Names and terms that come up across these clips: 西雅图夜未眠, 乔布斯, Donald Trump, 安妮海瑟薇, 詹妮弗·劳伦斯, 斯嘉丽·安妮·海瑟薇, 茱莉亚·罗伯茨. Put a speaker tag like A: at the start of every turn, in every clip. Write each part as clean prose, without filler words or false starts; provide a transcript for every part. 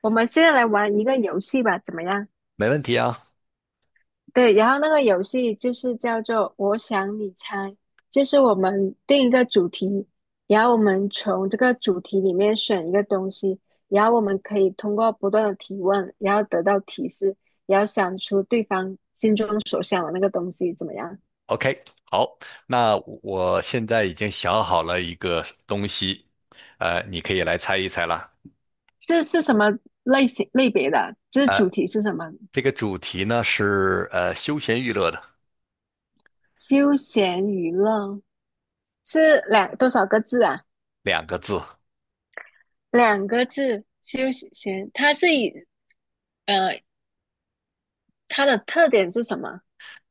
A: 我们现在来玩一个游戏吧，怎么样？
B: 没问题啊。
A: 对，然后那个游戏就是叫做“我想你猜”，就是我们定一个主题，然后我们从这个主题里面选一个东西，然后我们可以通过不断的提问，然后得到提示，然后想出对方心中所想的那个东西，怎么样？
B: OK，好，那我现在已经想好了一个东西，你可以来猜一猜了。
A: 这是什么类型类别的？这
B: 呃，
A: 主题是什么？
B: 这个主题呢是休闲娱乐的
A: 休闲娱乐是两多少个字啊？
B: 两个字，
A: 两个字，休闲。它是以呃，它的特点是什么？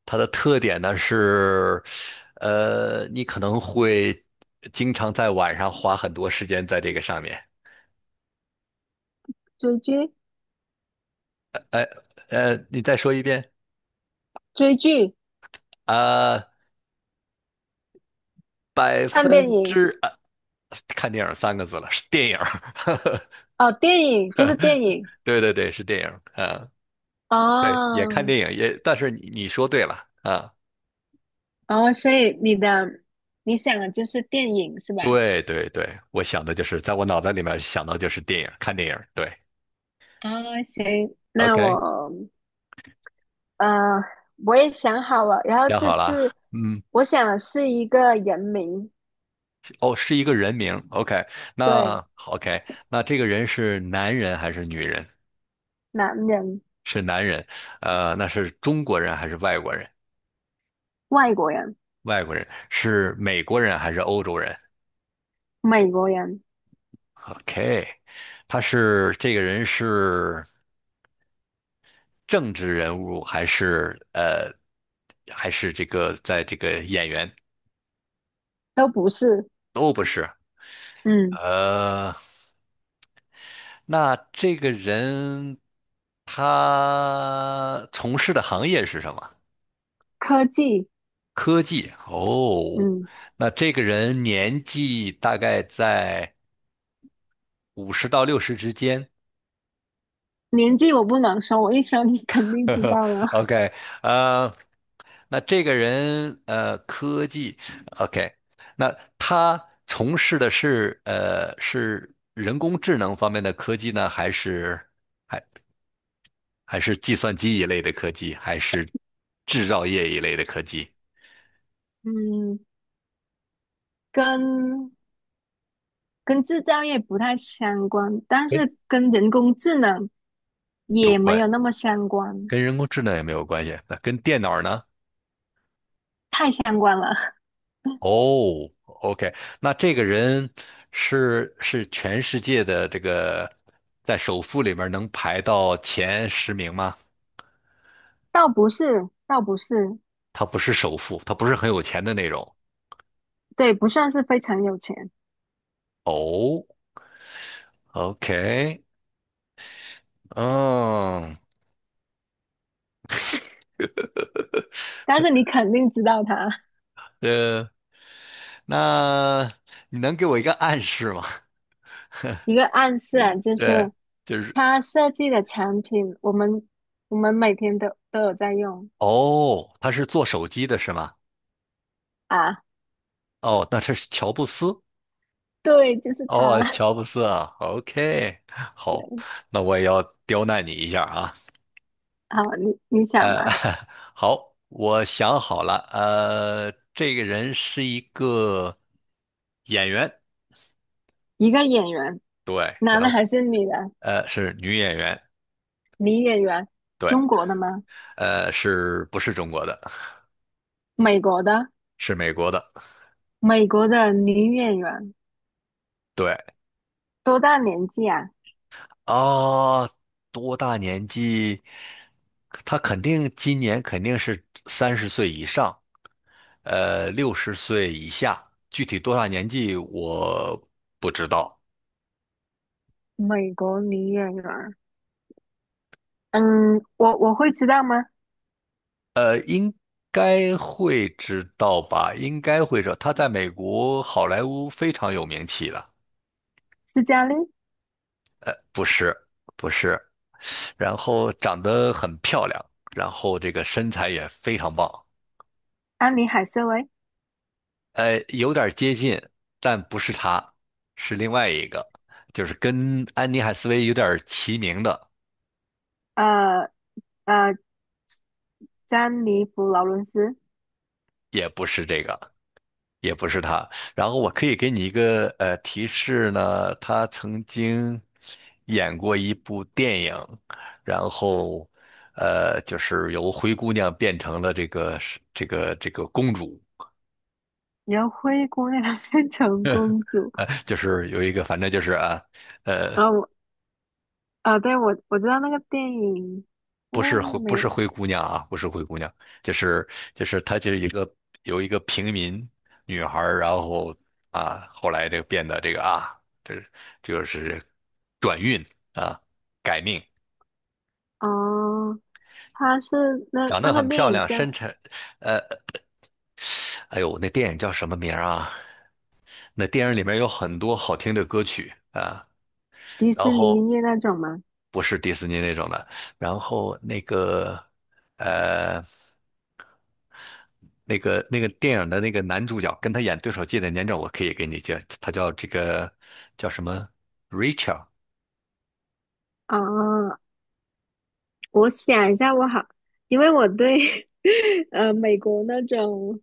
B: 它的特点呢是你可能会经常在晚上花很多时间在这个上面。
A: 追剧、
B: 呃你再说一遍
A: 追剧、
B: 啊，百
A: 看电
B: 分
A: 影。
B: 之看电影三个字了，是电影儿。
A: 哦，电影就是 电影。
B: 对对对，是电影啊。对，也看
A: 哦
B: 电影，也，但是你说对了啊，
A: 哦，所以你的你想的就是电影是吧？
B: 对对对，我想的就是在我脑袋里面想到就是电影，看电影，对
A: 啊、行，那
B: ，OK,
A: 我呃我也想好了，然后
B: 想
A: 这
B: 好了，
A: 次
B: 嗯，
A: 我想的是一个人名，
B: 哦，是一个人名，OK,
A: 对，
B: 那 OK,那这个人是男人还是女人？
A: 男人、
B: 是男人。那是中国人还是外国人？
A: 外国人、
B: 外国人是美国人还是欧洲人
A: 美国人
B: ？OK,他是这个人是政治人物还是还是这个在这个演员？
A: 都不是，
B: 都不是。
A: 嗯，
B: 呃，那这个人他从事的行业是什么？
A: 科技，
B: 科技。哦，
A: 嗯，
B: 那这个人年纪大概在五十到六十之间。
A: 年纪我不能说，我一说你肯 定
B: 呵
A: 知
B: 呵
A: 道了，
B: OK。呃，那这个人科技，OK,那他从事的是是人工智能方面的科技呢，还是？还？还是计算机一类的科技，还是制造业一类的科技。
A: 嗯。跟跟制造业不太相关，但
B: 诶
A: 是跟人工智能
B: 有
A: 也没
B: 关，
A: 有那么相关，
B: 跟人工智能也没有关系。那跟电脑呢？
A: 太相关了，
B: 哦，OK,那这个人是全世界的这个在首富里面能排到前十名吗？
A: 倒不是，倒不是，
B: 他不是首富，他不是很有钱的那种。
A: 对，不算是非常有钱，
B: 哦，OK,嗯。
A: 但是你肯定知道他
B: 呃，那你能给我一个暗示吗？
A: 一个暗示啊，就
B: 对，
A: 是
B: 就是。
A: 他设计的产品，我们每天都有在用。
B: 哦，他是做手机的是吗？
A: 啊，
B: 哦，那这是乔布斯。
A: 对，就是他。
B: 哦，乔布斯啊，OK,好，
A: 对。
B: 那我也要刁难你一下啊。
A: 好，你你想
B: 呃，
A: 嘛，
B: 好，我想好了。这个人是一个演员，
A: 一个演员，
B: 对，然
A: 男的
B: 后
A: 还是女的？
B: 是女演员，
A: 女演员，
B: 对。
A: 中国的吗？
B: 是不是中国的？
A: 美国的？
B: 是美国的，
A: 美国的女演员
B: 对，
A: 多大年纪啊？
B: 啊，多大年纪？他肯定今年肯定是三十岁以上。六十岁以下，具体多大年纪我不知道，
A: 美国女演员，嗯，我会知道吗？
B: 该会知道吧？应该会知道。他在美国好莱坞非常有名气的，
A: 斯嘉丽·
B: 不是，不是。然后长得很漂亮，然后这个身材也非常棒。
A: 安妮·海瑟薇，
B: 有点接近，但不是他，是另外一个，就是跟安妮海瑟薇有点齐名的，
A: 呃呃，詹妮弗·劳伦斯，
B: 也不是这个。也不是他。然后我可以给你一个提示呢，他曾经演过一部电影，然后就是由灰姑娘变成了这个公主，
A: 然后灰姑娘变成公主，
B: 就是有一个反正就是呃
A: 然后我，啊，对，我知道那个电影，那
B: 不是灰
A: 个
B: 不是
A: 美，
B: 灰姑娘啊不是灰姑娘，就是就是她就是一个有一个平民女孩儿，然后啊后来这个变得这个啊这这就是转运啊改命。
A: 哦，它是那
B: 长
A: 那
B: 得
A: 个
B: 很
A: 电
B: 漂
A: 影
B: 亮，
A: 叫
B: 身材。呃，哎呦，那电影叫什么名儿啊？那电影里面有很多好听的歌曲啊，
A: 迪
B: 然
A: 士尼
B: 后
A: 音乐那种吗？
B: 不是迪士尼那种的，然后那个。呃，那个那个电影的那个男主角跟他演对手戏的年长，我可以给你介，他叫这个叫什么？Rachel。
A: 哦，我想一下，我好，因为我对 美国那种。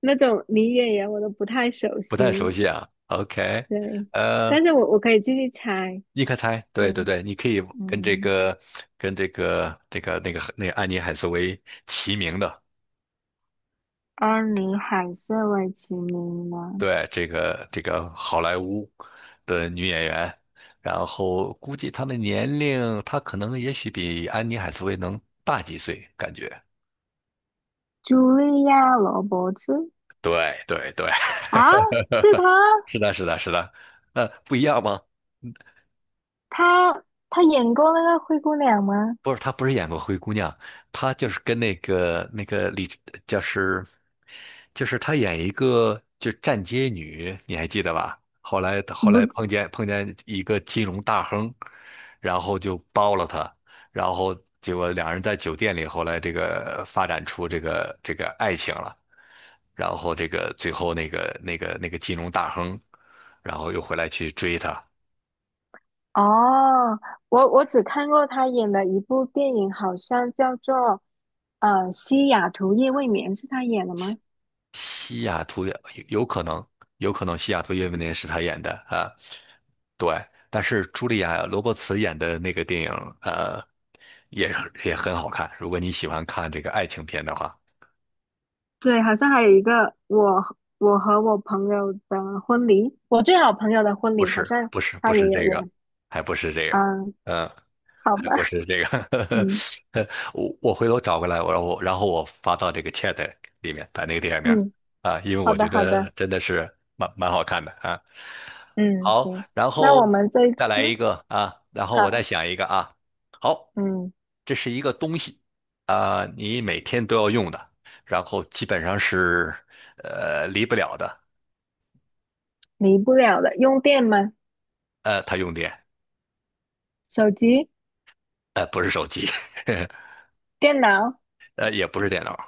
A: 那种女演员我都不太熟
B: 不太熟
A: 悉，
B: 悉啊。OK。
A: 对，
B: 呃，
A: 但是我可以继续猜，
B: 你可猜？对对
A: 嗯，
B: 对，你可以跟这
A: 嗯，
B: 个跟这个安妮海瑟薇齐名的。
A: 安妮海瑟薇其名呢？
B: 对，这个这个好莱坞的女演员，然后估计她的年龄，她可能也许比安妮海瑟薇能大几岁，感觉。
A: 茱莉亚·罗伯茨。
B: 对对对，
A: 啊，是她，
B: 是的，是的，是的。不一样吗？
A: 她她演过那个灰姑娘吗？
B: 不是，她不是演过灰姑娘，她就是跟那个那个李，就是就是她演一个就站街女，你还记得吧？后来后
A: 不，
B: 来碰见一个金融大亨，然后就包了她，然后结果两人在酒店里，后来这个发展出这个爱情了，然后这个最后那个金融大亨，然后又回来去追她，
A: 哦，我只看过她演的一部电影，好像叫做《西雅图夜未眠》，是她演的吗？
B: 西雅图也有有可能，有可能西雅图夜未眠是他演的啊，对。但是茱莉亚·罗伯茨演的那个电影，呃，也也很好看。如果你喜欢看这个爱情片的话，
A: 对，好像还有一个我和我朋友的婚礼，我最好朋友的婚
B: 不
A: 礼，好
B: 是，
A: 像
B: 不是，不
A: 他
B: 是
A: 也有
B: 这个，
A: 演。
B: 还不是这个，
A: 嗯，
B: 嗯，
A: 好
B: 还
A: 吧，
B: 不是这个，
A: 嗯
B: 我回头找过来，我然后我发到这个 chat 里面，把那个电影名儿
A: 嗯，
B: 啊，因为
A: 好
B: 我
A: 的
B: 觉
A: 好的，
B: 得真的是蛮好看的啊。
A: 嗯
B: 好，
A: 行，
B: 然
A: 那我
B: 后
A: 们这
B: 再来
A: 嗯
B: 一个啊，然后我再
A: 好，
B: 想一个啊。好，
A: 嗯
B: 这是一个东西啊，你每天都要用的，然后基本上是离不了的。
A: 离不了的，用电吗？
B: 它用电。
A: 手机、
B: 不是手机。
A: 电脑、
B: 也不是电脑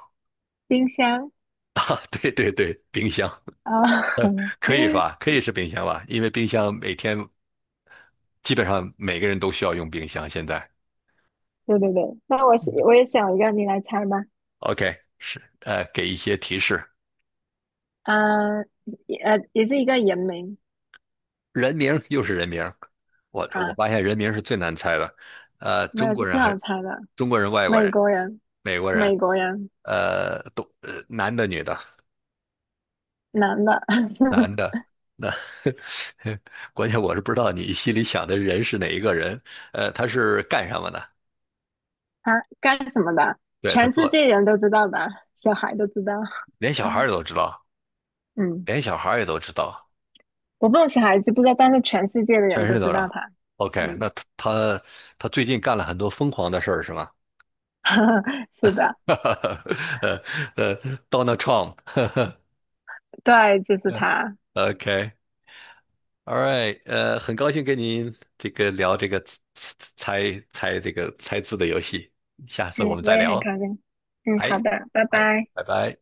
A: 冰箱
B: 啊，对对对，冰箱
A: 啊，
B: 可以是吧？可以是冰箱吧，因为冰箱每天基本上每个人都需要用冰箱。现在
A: 对对对，那我是我也想一个，你来猜吧。
B: ，OK,是给一些提示，
A: 嗯，也也是一个人名
B: 人名又是人名，我
A: 啊，
B: 发现人名是最难猜的。呃，
A: 没
B: 中
A: 有是
B: 国人
A: 最
B: 还
A: 好猜的，
B: 中国人、外国
A: 美
B: 人、
A: 国人，
B: 美国人。
A: 美国人。
B: 都男的、女的、
A: 男的，
B: 男 的。那 关键我是不知道你心里想的人是哪一个人。他是干什么的？
A: 他干什么的？
B: 对，他
A: 全世
B: 做，
A: 界人都知道的，小孩都知道。
B: 连小孩儿都知道，
A: 嗯，
B: 连小孩儿也都知道，
A: 我不懂小孩知不知道，但是全世界的
B: 全
A: 人
B: 世
A: 都
B: 界都
A: 知
B: 知
A: 道
B: 道。
A: 他。
B: OK,那
A: 嗯，
B: 他他最近干了很多疯狂的事儿是吗？
A: 是的，
B: 呃呃，Donald Trump,
A: 对，就是
B: 嗯
A: 他。
B: ，OK，All right。很高兴跟您这个聊这个猜猜这个猜字的游戏，下次我
A: 嗯，
B: 们
A: 我
B: 再
A: 也很
B: 聊。
A: 高兴。嗯，好
B: 哎，
A: 的，拜
B: 哎，
A: 拜。
B: 拜拜。